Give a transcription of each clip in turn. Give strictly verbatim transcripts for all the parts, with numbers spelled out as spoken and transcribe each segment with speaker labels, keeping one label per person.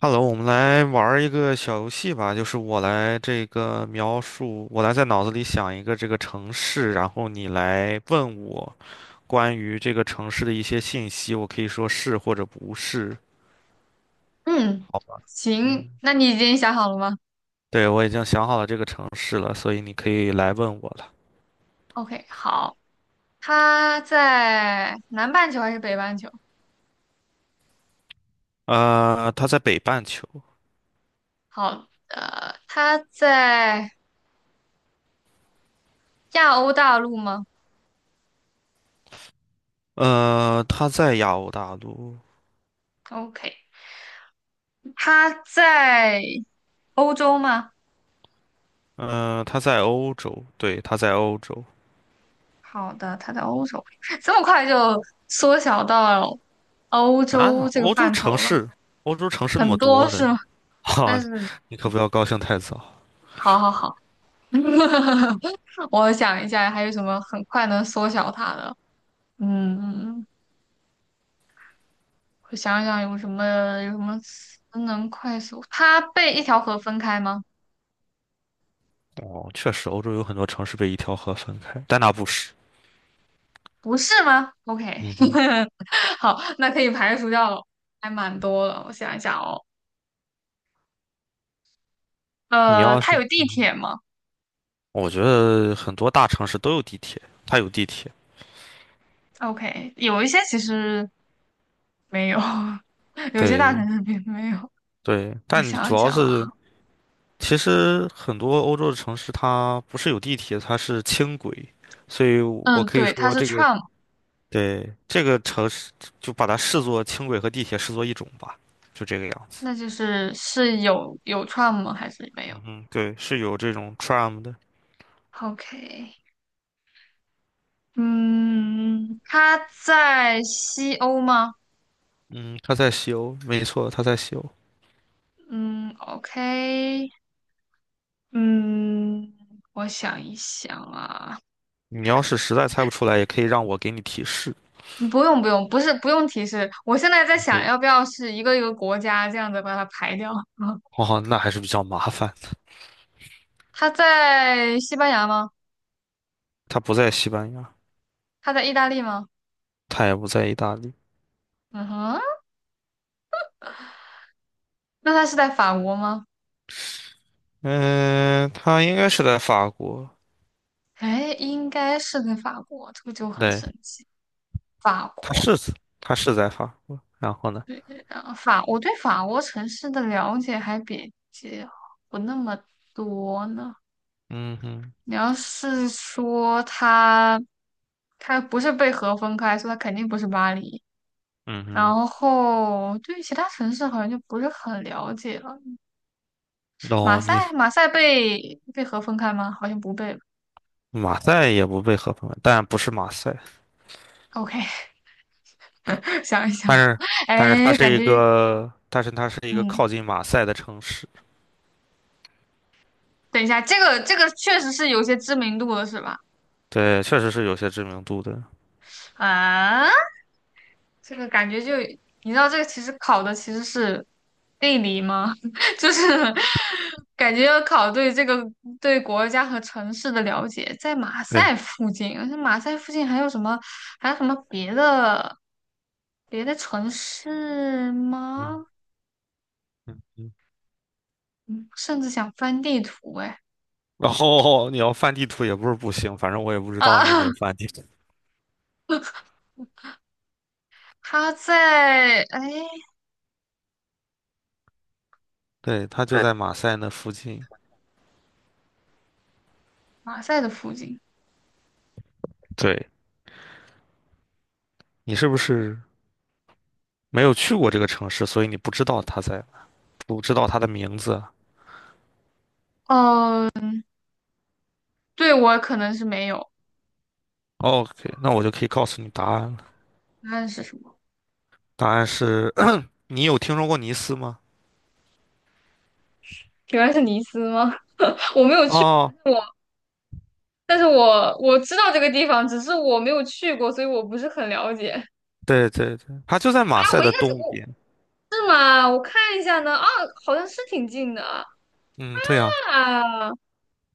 Speaker 1: Hello,我们来玩儿一个小游戏吧，就是我来这个描述，我来在脑子里想一个这个城市，然后你来问我关于这个城市的一些信息，我可以说是或者不是。
Speaker 2: 嗯，
Speaker 1: 好吧，
Speaker 2: 行，
Speaker 1: 嗯，
Speaker 2: 那你已经想好了吗
Speaker 1: 对，我已经想好了这个城市了，所以你可以来问我了。
Speaker 2: ？OK,好。他在南半球还是北半球？
Speaker 1: 呃，它在北半球，
Speaker 2: 好的，他在亚欧大陆吗
Speaker 1: 呃，它在亚欧大陆，
Speaker 2: ？OK,他在欧洲吗？
Speaker 1: 呃，它在欧洲，对，它在欧洲。
Speaker 2: 好的，他在欧洲，这么快就缩小到欧洲
Speaker 1: 啊，
Speaker 2: 这个
Speaker 1: 欧洲
Speaker 2: 范
Speaker 1: 城
Speaker 2: 畴了。
Speaker 1: 市，欧洲城市那
Speaker 2: 很
Speaker 1: 么
Speaker 2: 多
Speaker 1: 多
Speaker 2: 是
Speaker 1: 呢。
Speaker 2: 吗？
Speaker 1: 哈、
Speaker 2: 但是，
Speaker 1: 你可不要高兴太早。
Speaker 2: 好好好，我想一下还有什么很快能缩小它的，嗯。我想想有什么有什么词能快速？它被一条河分开吗？
Speaker 1: 哦，确实，欧洲有很多城市被一条河分开，但那不是。
Speaker 2: 不是吗？OK,
Speaker 1: 嗯哼，
Speaker 2: 好，那可以排除掉了，还蛮多了。我想一想哦，
Speaker 1: 你
Speaker 2: 呃，
Speaker 1: 要是，
Speaker 2: 它有地
Speaker 1: 嗯哼，
Speaker 2: 铁吗
Speaker 1: 我觉得很多大城市都有地铁，它有地铁。
Speaker 2: ？OK,有一些其实没有，有些大
Speaker 1: 对
Speaker 2: 城市并没有。
Speaker 1: 对，
Speaker 2: 我
Speaker 1: 但
Speaker 2: 想
Speaker 1: 主
Speaker 2: 一
Speaker 1: 要
Speaker 2: 想啊，
Speaker 1: 是，其实很多欧洲的城市它不是有地铁，它是轻轨，所以我
Speaker 2: 嗯，
Speaker 1: 可以
Speaker 2: 对，它
Speaker 1: 说
Speaker 2: 是
Speaker 1: 这个，
Speaker 2: tram。
Speaker 1: 对，这个城市就把它视作轻轨和地铁视作一种吧，就这个样子。
Speaker 2: 那就是是有有 tram 吗？还是没
Speaker 1: 嗯
Speaker 2: 有
Speaker 1: 哼，对，是有这种 tram 的。
Speaker 2: ？OK。嗯，它在西欧吗？
Speaker 1: 嗯，他在西欧，没错，他在西欧。
Speaker 2: 嗯，OK,嗯，我想一想啊。
Speaker 1: 你要是实在猜不出来，也可以让我给你提示。
Speaker 2: 嗯不用不用，不是不用提示，我现在在想
Speaker 1: 嗯，
Speaker 2: 要不要是一个一个国家这样子把它排掉。嗯，
Speaker 1: 哦，那还是比较麻烦。
Speaker 2: 他在西班牙吗？
Speaker 1: 他不在西班牙，
Speaker 2: 他在意大利吗？
Speaker 1: 他也不在意大利。
Speaker 2: 嗯哼，那他是在法国吗？
Speaker 1: 嗯，他应该是在法国。
Speaker 2: 哎，应该是在法国，这个就很
Speaker 1: 对，
Speaker 2: 神奇。法
Speaker 1: 他
Speaker 2: 国，
Speaker 1: 是他是在法国。然后呢？
Speaker 2: 呃法，我对法国城市的了解还比较不那么多呢。
Speaker 1: 嗯哼，
Speaker 2: 你要是说他，他不是被河分开，说以他肯定不是巴黎。
Speaker 1: 嗯哼。
Speaker 2: 然后对于其他城市好像就不是很了解了。马
Speaker 1: 哦，
Speaker 2: 赛，
Speaker 1: 你
Speaker 2: 马赛被被河分开吗？好像不被吧。
Speaker 1: 马赛也不被合并，但不是马赛，
Speaker 2: OK,想一想，
Speaker 1: 但是但是它
Speaker 2: 哎，
Speaker 1: 是
Speaker 2: 感
Speaker 1: 一
Speaker 2: 觉
Speaker 1: 个，但是它是一个
Speaker 2: 嗯，
Speaker 1: 靠近马赛的城市。
Speaker 2: 等一下，这个这个确实是有些知名度的，是吧？
Speaker 1: 对，确实是有些知名度的。
Speaker 2: 啊，这个感觉就，你知道这个其实考的其实是地理吗？就是感觉要考对这个对国家和城市的了解。在马
Speaker 1: 对，
Speaker 2: 赛附近，而且马赛附近还有什么还有什么别的别的城市吗？
Speaker 1: 嗯嗯嗯。
Speaker 2: 嗯，甚至想翻地图哎。
Speaker 1: 然后你要翻地图也不是不行，反正我也不知
Speaker 2: 啊，
Speaker 1: 道你有没 有翻地图。
Speaker 2: 它在哎
Speaker 1: 对，它就在马赛那附近。
Speaker 2: 马赛的附近。
Speaker 1: 对，你是不是没有去过这个城市，所以你不知道它在，不知道它的名字啊
Speaker 2: 哦，对我可能是没有。
Speaker 1: ？OK,那我就可以告诉你答案了。
Speaker 2: 答案是什么？
Speaker 1: 答案是，你有听说过尼斯吗？
Speaker 2: 原来是尼斯吗？我没有去过。但
Speaker 1: 哦，
Speaker 2: 是我。但是我我知道这个地方，只是我没有去过，所以我不是很了解。
Speaker 1: 对对对，它就在
Speaker 2: 啊，
Speaker 1: 马赛
Speaker 2: 我应
Speaker 1: 的
Speaker 2: 该
Speaker 1: 东
Speaker 2: 我
Speaker 1: 边。
Speaker 2: 是吗？我看一下呢。啊，好像是挺近的啊。
Speaker 1: 嗯，对呀，
Speaker 2: 啊，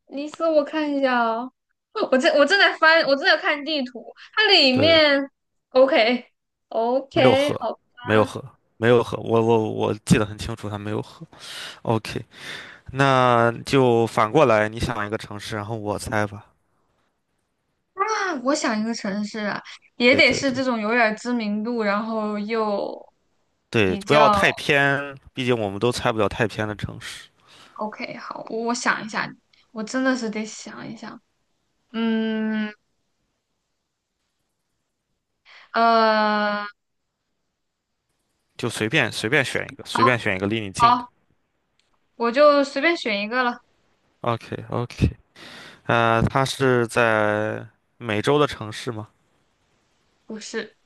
Speaker 2: 尼斯，我看一下哦。哦我正我正在翻，我正在看地图，它里
Speaker 1: 对，
Speaker 2: 面 OK
Speaker 1: 没有
Speaker 2: OK
Speaker 1: 河，
Speaker 2: 好
Speaker 1: 没有
Speaker 2: 吧。
Speaker 1: 河，没有河。我我我记得很清楚，它没有河。OK,那就反过来，你想一个城市，然后我猜吧。
Speaker 2: 啊，我想一个城市啊，也
Speaker 1: 对
Speaker 2: 得
Speaker 1: 对
Speaker 2: 是
Speaker 1: 对
Speaker 2: 这种有点儿知名度，然后又
Speaker 1: 对，
Speaker 2: 比
Speaker 1: 不
Speaker 2: 较
Speaker 1: 要太偏，毕竟我们都猜不了太偏的城市，
Speaker 2: OK。好，我我想一下，我真的是得想一想。嗯，呃，
Speaker 1: 就随便随便选一个，随
Speaker 2: 好
Speaker 1: 便选一个离你近的。
Speaker 2: 好，我就随便选一个了。
Speaker 1: OK OK,呃，它是在美洲的城市吗？
Speaker 2: 不是，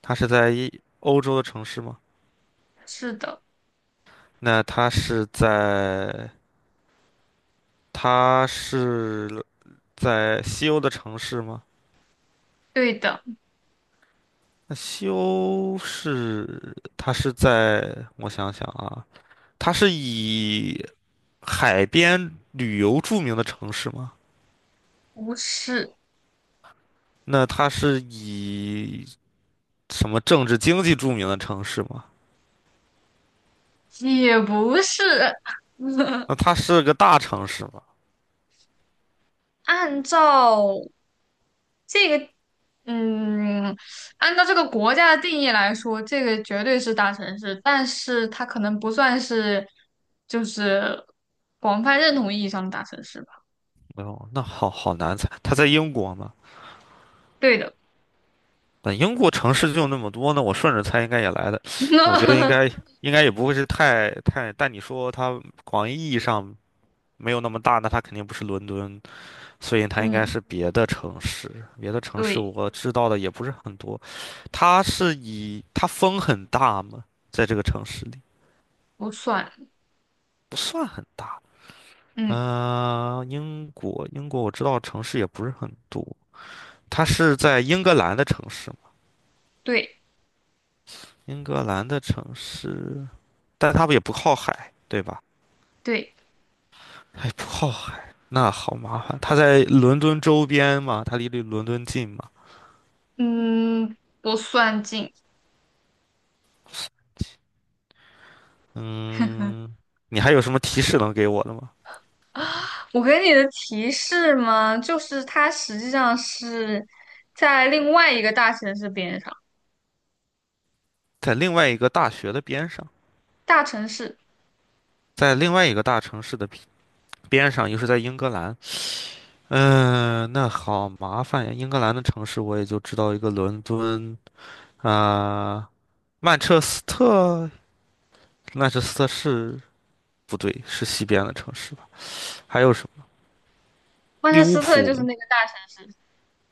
Speaker 1: 它是在一欧洲的城市吗？
Speaker 2: 是的，
Speaker 1: 那它是在它是在西欧的城市吗？
Speaker 2: 对的，
Speaker 1: 那西欧是它是在我想想啊，它是以海边旅游著名的城市吗？
Speaker 2: 不是，
Speaker 1: 那它是以什么政治经济著名的城市吗？
Speaker 2: 也不是。
Speaker 1: 那它是个大城市吗？
Speaker 2: 按照这个，嗯，按照这个国家的定义来说，这个绝对是大城市，但是它可能不算是，就是广泛认同意义上的大城市吧。
Speaker 1: 哦，那好好难猜。它在英国吗？
Speaker 2: 对的，
Speaker 1: 那英国城市就那么多呢，那我顺着猜应该也来的。我觉得应 该应该也不会是太太，但你说它广义意义上没有那么大，那它肯定不是伦敦，所以它应该
Speaker 2: 嗯，
Speaker 1: 是别的城市。别的城市
Speaker 2: 对，
Speaker 1: 我知道的也不是很多。它是以它风很大吗？在这个城市里
Speaker 2: 不算。
Speaker 1: 不算很大。
Speaker 2: 嗯，
Speaker 1: 嗯、英国，英国我知道城市也不是很多，它是在英格兰的城市嘛？
Speaker 2: 对
Speaker 1: 英格兰的城市，但它不也不靠海，对吧？
Speaker 2: 对。
Speaker 1: 哎，那好麻烦，它在伦敦周边嘛，它离离伦敦近嘛。
Speaker 2: 嗯，不算近。
Speaker 1: 嗯，你还有什么提示能给我的吗？
Speaker 2: 我给你的提示嘛，就是它实际上是在另外一个大城市边上。
Speaker 1: 在另外一个大学的边上，
Speaker 2: 大城市
Speaker 1: 在另外一个大城市的边上，又是在英格兰。嗯、那好麻烦呀！英格兰的城市我也就知道一个伦敦啊。曼彻斯特，曼彻斯特是不对，是西边的城市吧？还有什么？
Speaker 2: 曼
Speaker 1: 利
Speaker 2: 彻
Speaker 1: 物
Speaker 2: 斯特就是
Speaker 1: 浦？
Speaker 2: 那个大城市。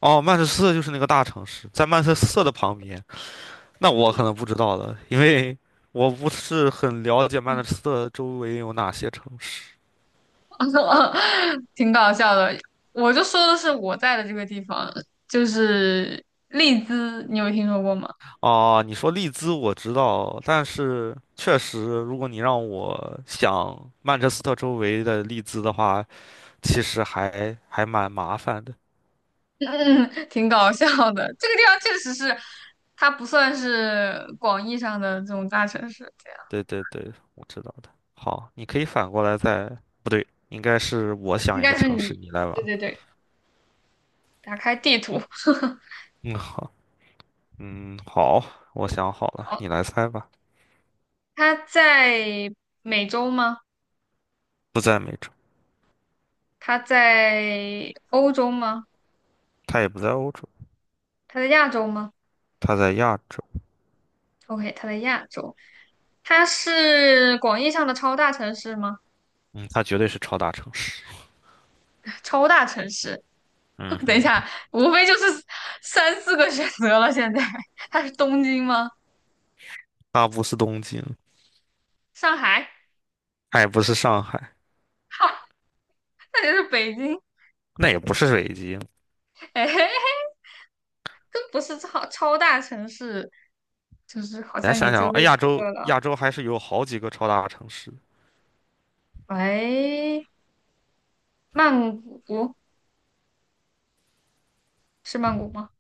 Speaker 1: 哦，曼彻斯特就是那个大城市，在曼彻斯特的旁边。那我可
Speaker 2: 对，
Speaker 1: 能不知道了，因为我不是很了解曼彻斯特周围有哪些城市。
Speaker 2: 挺搞笑的。我就说的是我在的这个地方，就是利兹，你有听说过吗？
Speaker 1: 哦，你说利兹我知道，但是确实，如果你让我想曼彻斯特周围的利兹的话，其实还还蛮麻烦的。
Speaker 2: 嗯，挺搞笑的。这个地方确实是，它不算是广义上的这种大城市，这样
Speaker 1: 对对对，我知道的。好，你可以反过来再，不对，应该是我
Speaker 2: 应
Speaker 1: 想一
Speaker 2: 该
Speaker 1: 个
Speaker 2: 是
Speaker 1: 城市，
Speaker 2: 你。
Speaker 1: 你来
Speaker 2: 对
Speaker 1: 玩。
Speaker 2: 对对，打开地图。
Speaker 1: 嗯，好，嗯，好，我想好了，
Speaker 2: 哦，
Speaker 1: 你来猜吧。
Speaker 2: 他在美洲吗？
Speaker 1: 不在美洲，
Speaker 2: 他在欧洲吗？
Speaker 1: 它也不在欧洲，
Speaker 2: 他在亚洲吗
Speaker 1: 它在亚洲。
Speaker 2: ？OK,他在亚洲。他是广义上的超大城市吗？
Speaker 1: 嗯，它绝对是超大城市。
Speaker 2: 超大城市，
Speaker 1: 嗯
Speaker 2: 等一
Speaker 1: 哼，
Speaker 2: 下，无非就是三四个选择了。现在他是东京吗？
Speaker 1: 它不是东京，
Speaker 2: 上海？
Speaker 1: 它也不是上海，
Speaker 2: 哈，那就是北京。
Speaker 1: 那也不是北京。
Speaker 2: 哎，都不是超超大城市，就是好
Speaker 1: 你来
Speaker 2: 像
Speaker 1: 想
Speaker 2: 也
Speaker 1: 想，
Speaker 2: 就
Speaker 1: 哎，
Speaker 2: 这几
Speaker 1: 亚
Speaker 2: 个
Speaker 1: 洲
Speaker 2: 了。
Speaker 1: 亚洲还是有好几个超大城市。
Speaker 2: 喂，曼谷，是曼谷吗？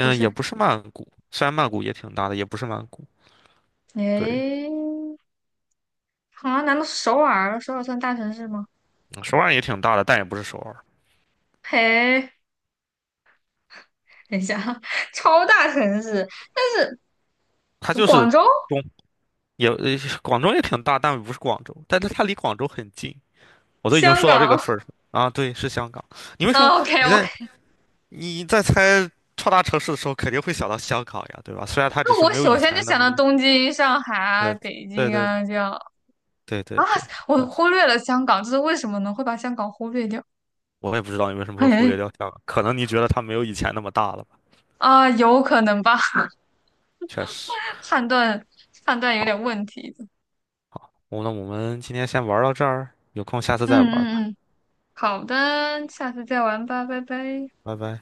Speaker 2: 不
Speaker 1: 也
Speaker 2: 是。
Speaker 1: 不是曼谷，虽然曼谷也挺大的，也不是曼谷。对，
Speaker 2: 诶，啊，难道是首尔？首尔算大城市吗？
Speaker 1: 嗯首尔也挺大的，但也不是首尔，
Speaker 2: 嘿，等一下啊，超大城市，
Speaker 1: 它
Speaker 2: 什么
Speaker 1: 就
Speaker 2: 广
Speaker 1: 是。
Speaker 2: 州、
Speaker 1: 也呃广州也挺大，但不是广州，但是它离广州很近，我都已经
Speaker 2: 香
Speaker 1: 说到这个
Speaker 2: 港
Speaker 1: 份儿上啊。对，是香港。你为什么
Speaker 2: 啊OK
Speaker 1: 你在
Speaker 2: OK，
Speaker 1: 你在猜超大城市的时候，肯定会想到香港呀，对吧？虽然它只
Speaker 2: 那
Speaker 1: 是
Speaker 2: 我
Speaker 1: 没有
Speaker 2: 首
Speaker 1: 以
Speaker 2: 先就
Speaker 1: 前那
Speaker 2: 想
Speaker 1: 么
Speaker 2: 到
Speaker 1: 厉害。
Speaker 2: 东京、上海啊、
Speaker 1: 嗯，
Speaker 2: 北
Speaker 1: 对
Speaker 2: 京
Speaker 1: 对
Speaker 2: 啊这样。
Speaker 1: 对
Speaker 2: 啊，
Speaker 1: 对对，
Speaker 2: 我
Speaker 1: 确实，
Speaker 2: 忽略了香港，这是为什么呢？会把香港忽略掉？
Speaker 1: 我也不知道你为什么会忽略
Speaker 2: 嘿，
Speaker 1: 掉香港，可能你觉得它没有以前那么大了吧？
Speaker 2: 啊，有可能吧，
Speaker 1: 确实。
Speaker 2: 判断判断有
Speaker 1: 好，
Speaker 2: 点问题的。
Speaker 1: 我那我们今天先玩到这儿，有空下次再玩吧，
Speaker 2: 嗯嗯嗯，好的，下次再玩吧，拜拜。
Speaker 1: 拜拜。